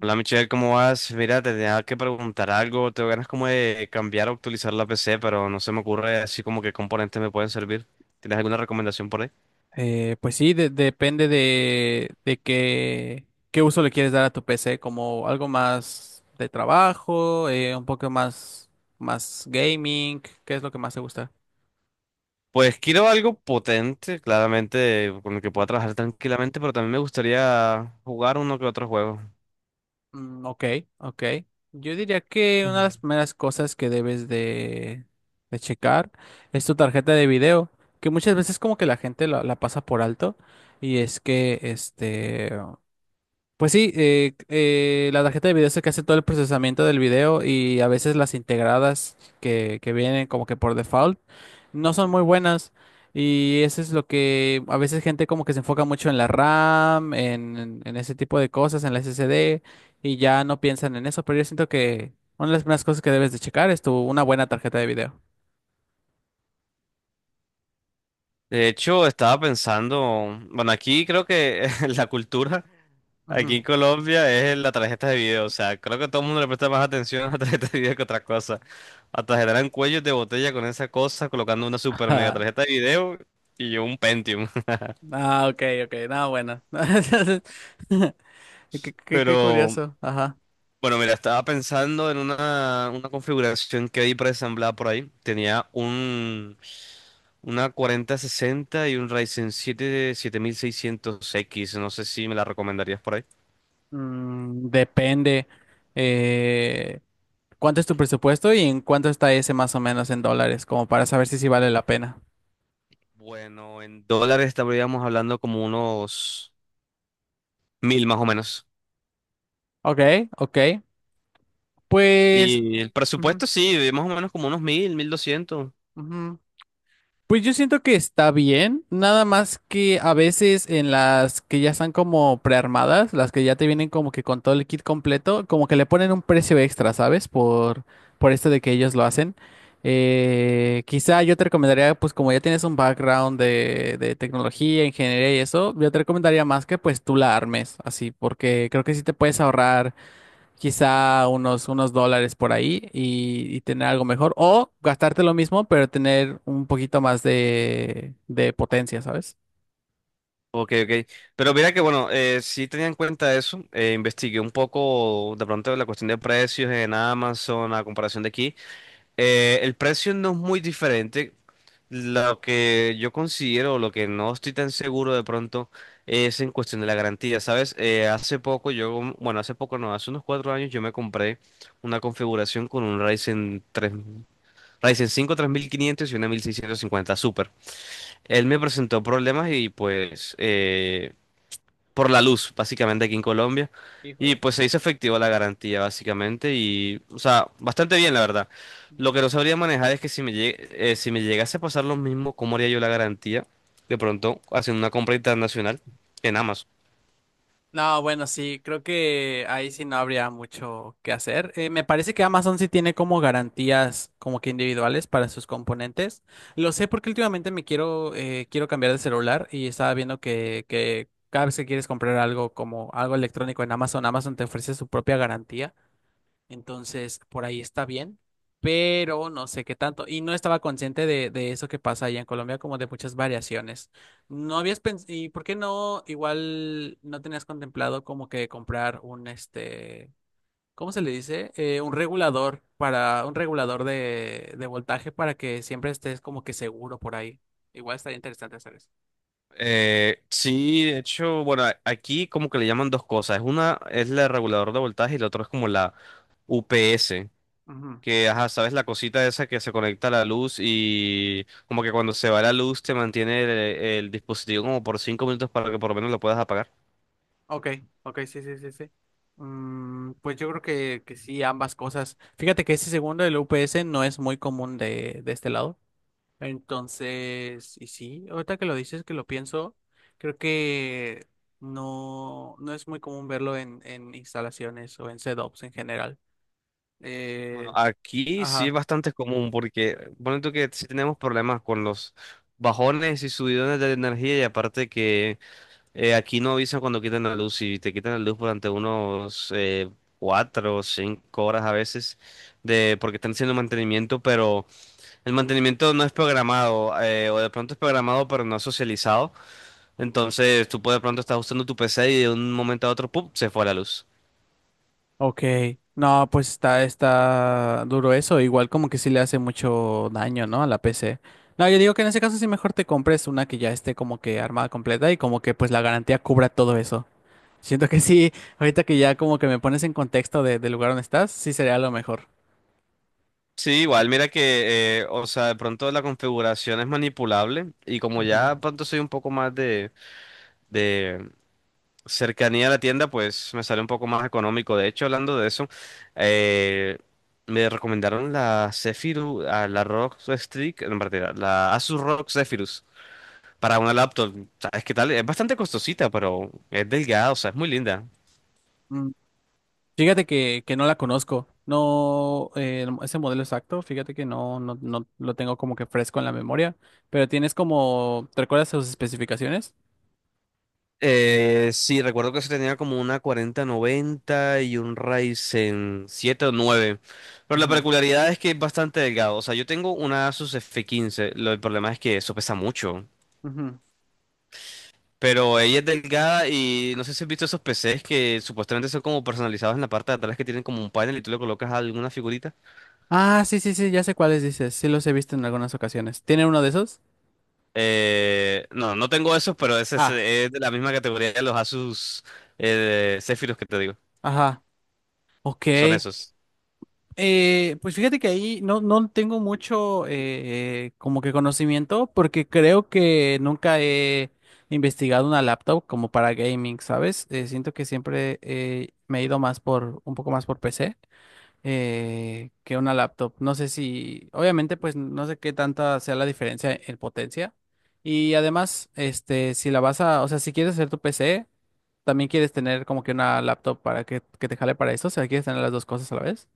Hola Michelle, ¿cómo vas? Mira, te tenía que preguntar algo. Tengo ganas como de cambiar o actualizar la PC, pero no se me ocurre así como qué componentes me pueden servir. ¿Tienes alguna recomendación por ahí? Pues sí, depende de qué, qué uso le quieres dar a tu PC, como algo más de trabajo, un poco más, más gaming. ¿Qué es lo que más te gusta? Pues quiero algo potente, claramente, con el que pueda Ujú. trabajar tranquilamente, pero también me gustaría jugar uno que otro juego. Ok, ok. Yo diría que una de Ujú. las primeras cosas que debes de checar es tu tarjeta de video, que muchas veces como que la gente la pasa por alto y es que este... Pues sí, la tarjeta de video es la que hace todo el procesamiento del video, y a veces las integradas que vienen como que por default no son muy buenas, y eso es lo que a veces gente como que se enfoca mucho en la RAM, en ese tipo de cosas, en la SSD, y ya no piensan en eso, pero yo siento que una de las primeras cosas que debes de checar es tu, una buena tarjeta de video. De hecho, estaba pensando, bueno, aquí creo que la cultura, aquí en Ujú. Colombia, es la tarjeta de video. O sea, creo que todo el mundo le presta más atención a la tarjeta de video que a otra cosa. Hasta generan cuellos de botella con esa cosa, colocando una super mega Ah, tarjeta de video y yo un Pentium. ah, ok, ok, no, bueno. Qué, qué Pero, curioso, ajá. bueno, mira, estaba pensando en una configuración que hay preasamblada por ahí. Tenía una 4060 y un Ryzen 7 7600X. No sé si me la recomendarías por Mm, depende eh, cuánto es tu presupuesto y en cuánto está ese más o menos en dólares, como para saber si sí vale ahí. la pena. Bueno, en dólares estaríamos hablando como unos 1000 más o menos. Ok, ok. Pues... Y el ujú, presupuesto sí, más o menos como unos 1000, 1200. ujú. Pues yo siento que está bien, nada más que a veces en las que ya están como prearmadas, las que ya te vienen como que con todo el kit completo, como que le ponen un precio extra, ¿sabes? Por esto de que ellos lo hacen. Quizá yo te recomendaría, pues como ya tienes un background de tecnología, ingeniería y eso, yo te recomendaría más que pues tú la armes, así, porque creo que sí te puedes ahorrar quizá unos dólares por ahí y tener algo mejor. O gastarte lo mismo, pero tener un poquito más de potencia, ¿sabes? Ok, ok. Pero mira que bueno, sí tenía en cuenta eso. Investigué un poco de pronto la cuestión de precios en Amazon a comparación de aquí. El precio no es muy diferente. Lo que yo considero, lo que no estoy tan seguro de pronto, es en cuestión de la garantía, ¿sabes? Hace poco yo, bueno, hace poco no, hace unos 4 años yo me compré una configuración con un Ryzen 3, Ryzen 5 3500 y una 1650 Super. Él me presentó problemas y pues por la luz, básicamente aquí en Colombia. Y Híjoles. pues se hizo efectiva la garantía, básicamente, y, o sea, bastante bien, la verdad. Lo Ujú. que no sabría manejar es que si me llegase a pasar lo mismo, ¿cómo haría yo la garantía? De pronto, haciendo una compra internacional en Amazon. No, bueno, sí, creo que ahí sí no habría mucho que hacer. Me parece que Amazon sí tiene como garantías como que individuales para sus componentes. Lo sé porque últimamente me quiero, quiero cambiar de celular y estaba viendo que cada vez que quieres comprar algo como algo electrónico en Amazon, Amazon te ofrece su propia garantía. Entonces, por ahí está bien, pero no sé qué tanto. Y no estaba consciente de eso que pasa allá en Colombia, como de muchas variaciones. No habías pensado, ¿y por qué no? Igual no tenías contemplado como que comprar un este, ¿cómo se le dice? Un regulador para, un regulador de voltaje para que siempre estés como que seguro por ahí. Igual estaría interesante hacer eso. Sí, de hecho, bueno, aquí como que le llaman dos cosas. Es una es el regulador de voltaje y la otra es como la UPS. Que, ajá, sabes la cosita esa que se conecta a la luz y como que cuando se va la luz te mantiene el dispositivo como por 5 minutos para que por lo menos lo puedas apagar. Ok, ok, sí, sí, sí, sí. Mm, pues yo creo que sí, ambas cosas. Fíjate que ese segundo del UPS no es muy común de este lado. Entonces, y sí, ahorita que lo dices, que lo pienso, creo que no, no es muy común verlo en instalaciones o en setups en general. Bueno, Eh, aquí sí es ajá. bastante común porque, bueno, tú que sí tenemos problemas con los bajones y subidones de energía y aparte que aquí no avisan cuando quitan la luz y te quitan la luz durante unos 4 o 5 horas a veces de porque están haciendo mantenimiento, pero el mantenimiento no es programado, o de pronto es programado pero no es socializado. Entonces tú puedes de pronto estás usando tu PC y de un momento a otro, ¡pum!, se fue la luz. Ok, no, pues está, está duro eso, igual como que sí le hace mucho daño, ¿no? A la PC. No, yo digo que en ese caso sí mejor te compres una que ya esté como que armada completa y como que pues la garantía cubra todo eso. Siento que sí, ahorita que ya como que me pones en contexto del lugar donde estás, sí sería lo mejor. Sí, igual, mira que, o sea, de pronto la configuración es manipulable y como ya de Ujú. pronto soy un poco más de, cercanía a la tienda, pues me sale un poco más económico. De hecho, hablando de eso, eh, me recomendaron la Zephyrus, ah, la ROG Strix, en verdad, la Asus ROG Zephyrus. Para una laptop, ¿sabes qué tal? Es bastante costosita, pero es delgada, o sea, es muy linda. Mm, Fíjate que no la conozco, no, ese modelo exacto, fíjate que no, no, no lo tengo como que fresco en la memoria, pero tienes como, ¿te recuerdas sus especificaciones? Sí, recuerdo que se tenía como una 4090 y un Ryzen 7 o 9, pero la Ujú, peculiaridad es que es bastante delgado. O sea, yo tengo una Asus F15, el problema es que eso pesa mucho, ujú. pero ella es delgada y no sé si has visto esos PCs que supuestamente son como personalizados en la parte de atrás que tienen como un panel y tú le colocas alguna figurita. Ah, sí, sí, sí, ya sé cuáles dices. Sí los he visto en algunas ocasiones. ¿Tiene uno de esos? No, no tengo esos, pero ese Ah, es de la misma categoría de los Asus Zephyrus que te digo. ajá. Ok. Son esos. Pues fíjate que ahí no, no tengo mucho como que conocimiento porque creo que nunca he investigado una laptop como para gaming, ¿sabes? Siento que siempre me he ido más por un poco más por PC. Que una laptop. No sé si, obviamente, pues no sé qué tanta sea la diferencia en potencia. Y además, este, si la vas a, o sea, si quieres hacer tu PC, también quieres tener como que una laptop para que te jale para eso. O sea, quieres tener las dos cosas a la vez.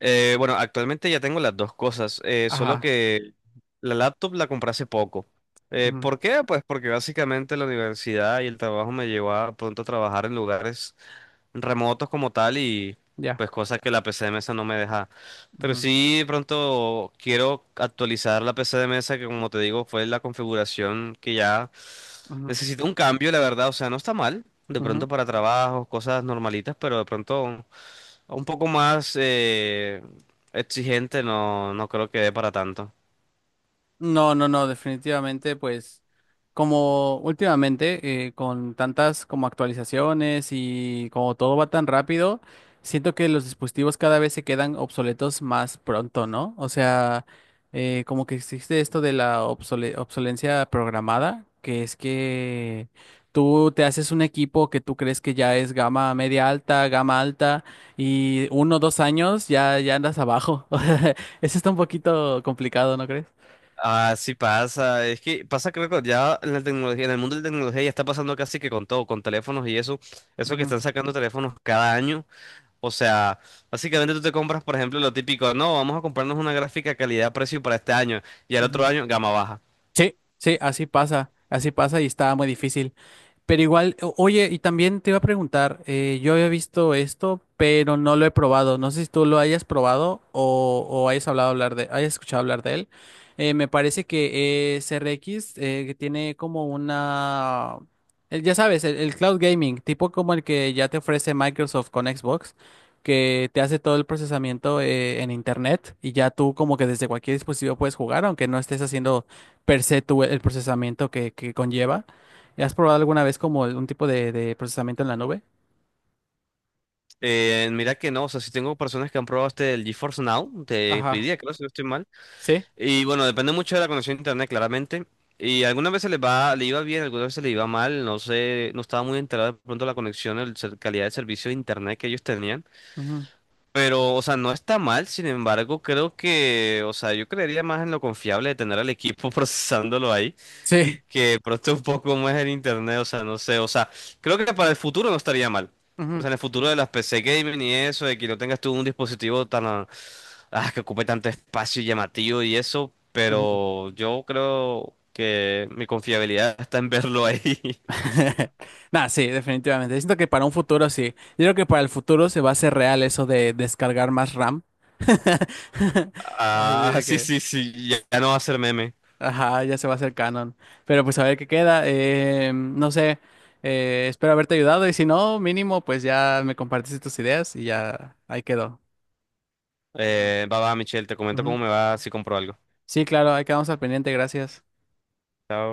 Bueno, actualmente ya tengo las dos cosas, solo Ajá. que la laptop la compré hace poco. Ujú. ¿Por qué? Pues porque básicamente la universidad y el trabajo me llevó a pronto a trabajar en lugares remotos como tal y Ya. pues cosas que la PC de mesa no me deja. Pero ujú, sí, de pronto quiero actualizar la PC de mesa que como te digo fue la configuración que ya ujú, necesito un cambio, la verdad. O sea, no está mal. De pronto ujú. para trabajos, cosas normalitas, pero de pronto un poco más exigente no, no creo que dé para tanto. No, no, no, definitivamente, pues como últimamente, con tantas como actualizaciones y como todo va tan rápido, siento que los dispositivos cada vez se quedan obsoletos más pronto, ¿no? O sea, como que existe esto de la obsolencia programada, que es que tú te haces un equipo que tú crees que ya es gama media alta, gama alta, y uno o dos años ya andas abajo. Eso está un poquito complicado, ¿no crees? Ah, sí pasa. Es que pasa, creo que ya en la tecnología, en el mundo de la tecnología ya está pasando casi que con todo, con teléfonos y eso. Eso que están sacando teléfonos cada año. O sea, básicamente tú te compras, por ejemplo, lo típico, no, vamos a comprarnos una gráfica calidad-precio para este año y al otro Ujú. año gama baja. Sí, sí, así pasa y está muy difícil. Pero igual, oye, y también te iba a preguntar, yo había visto esto, pero no lo he probado. No sé si tú lo hayas probado o hayas hayas escuchado hablar de él. Me parece que CRX que tiene como una, ya sabes, el cloud gaming, tipo como el que ya te ofrece Microsoft con Xbox, que te hace todo el procesamiento en internet y ya tú como que desde cualquier dispositivo puedes jugar, aunque no estés haciendo per se tú el procesamiento que conlleva. ¿Has probado alguna vez como un tipo de procesamiento en la nube? Mira que no, o sea, si tengo personas que han probado este el GeForce Now, te Ajá. pedía, creo, si no estoy mal. Sí. Y bueno, depende mucho de la conexión a internet, claramente. Y algunas veces le va, le iba bien, algunas veces le iba mal, no sé, no estaba muy enterado de pronto la conexión, calidad de servicio de internet que ellos tenían. Ujú. Pero, o sea, no está mal, sin embargo, creo que, o sea, yo creería más en lo confiable de tener al equipo procesándolo ahí, Sí. que de pronto un poco como es el internet, o sea, no sé, o sea, creo que para el futuro no estaría mal. O Ujú, sea, en el futuro de las PC gaming y eso, de que no tengas tú un dispositivo tan que ocupe tanto espacio y llamativo y eso, ujú. pero yo creo que mi confiabilidad está en verlo ahí. Nah, sí, definitivamente. Siento que para un futuro sí. Yo creo que para el futuro se va a hacer real eso de descargar más RAM. Así Ah, de sí, que, sí, sí, ya, ya no va a ser meme. ajá, ya se va a hacer canon. Pero pues a ver qué queda. No sé, espero haberte ayudado y si no, mínimo, pues ya me compartiste tus ideas y ya ahí quedó. Ujú. Va, va, Michelle, te comento Ujú. cómo me va si compro algo. Sí, claro, ahí quedamos al pendiente, gracias. Chao.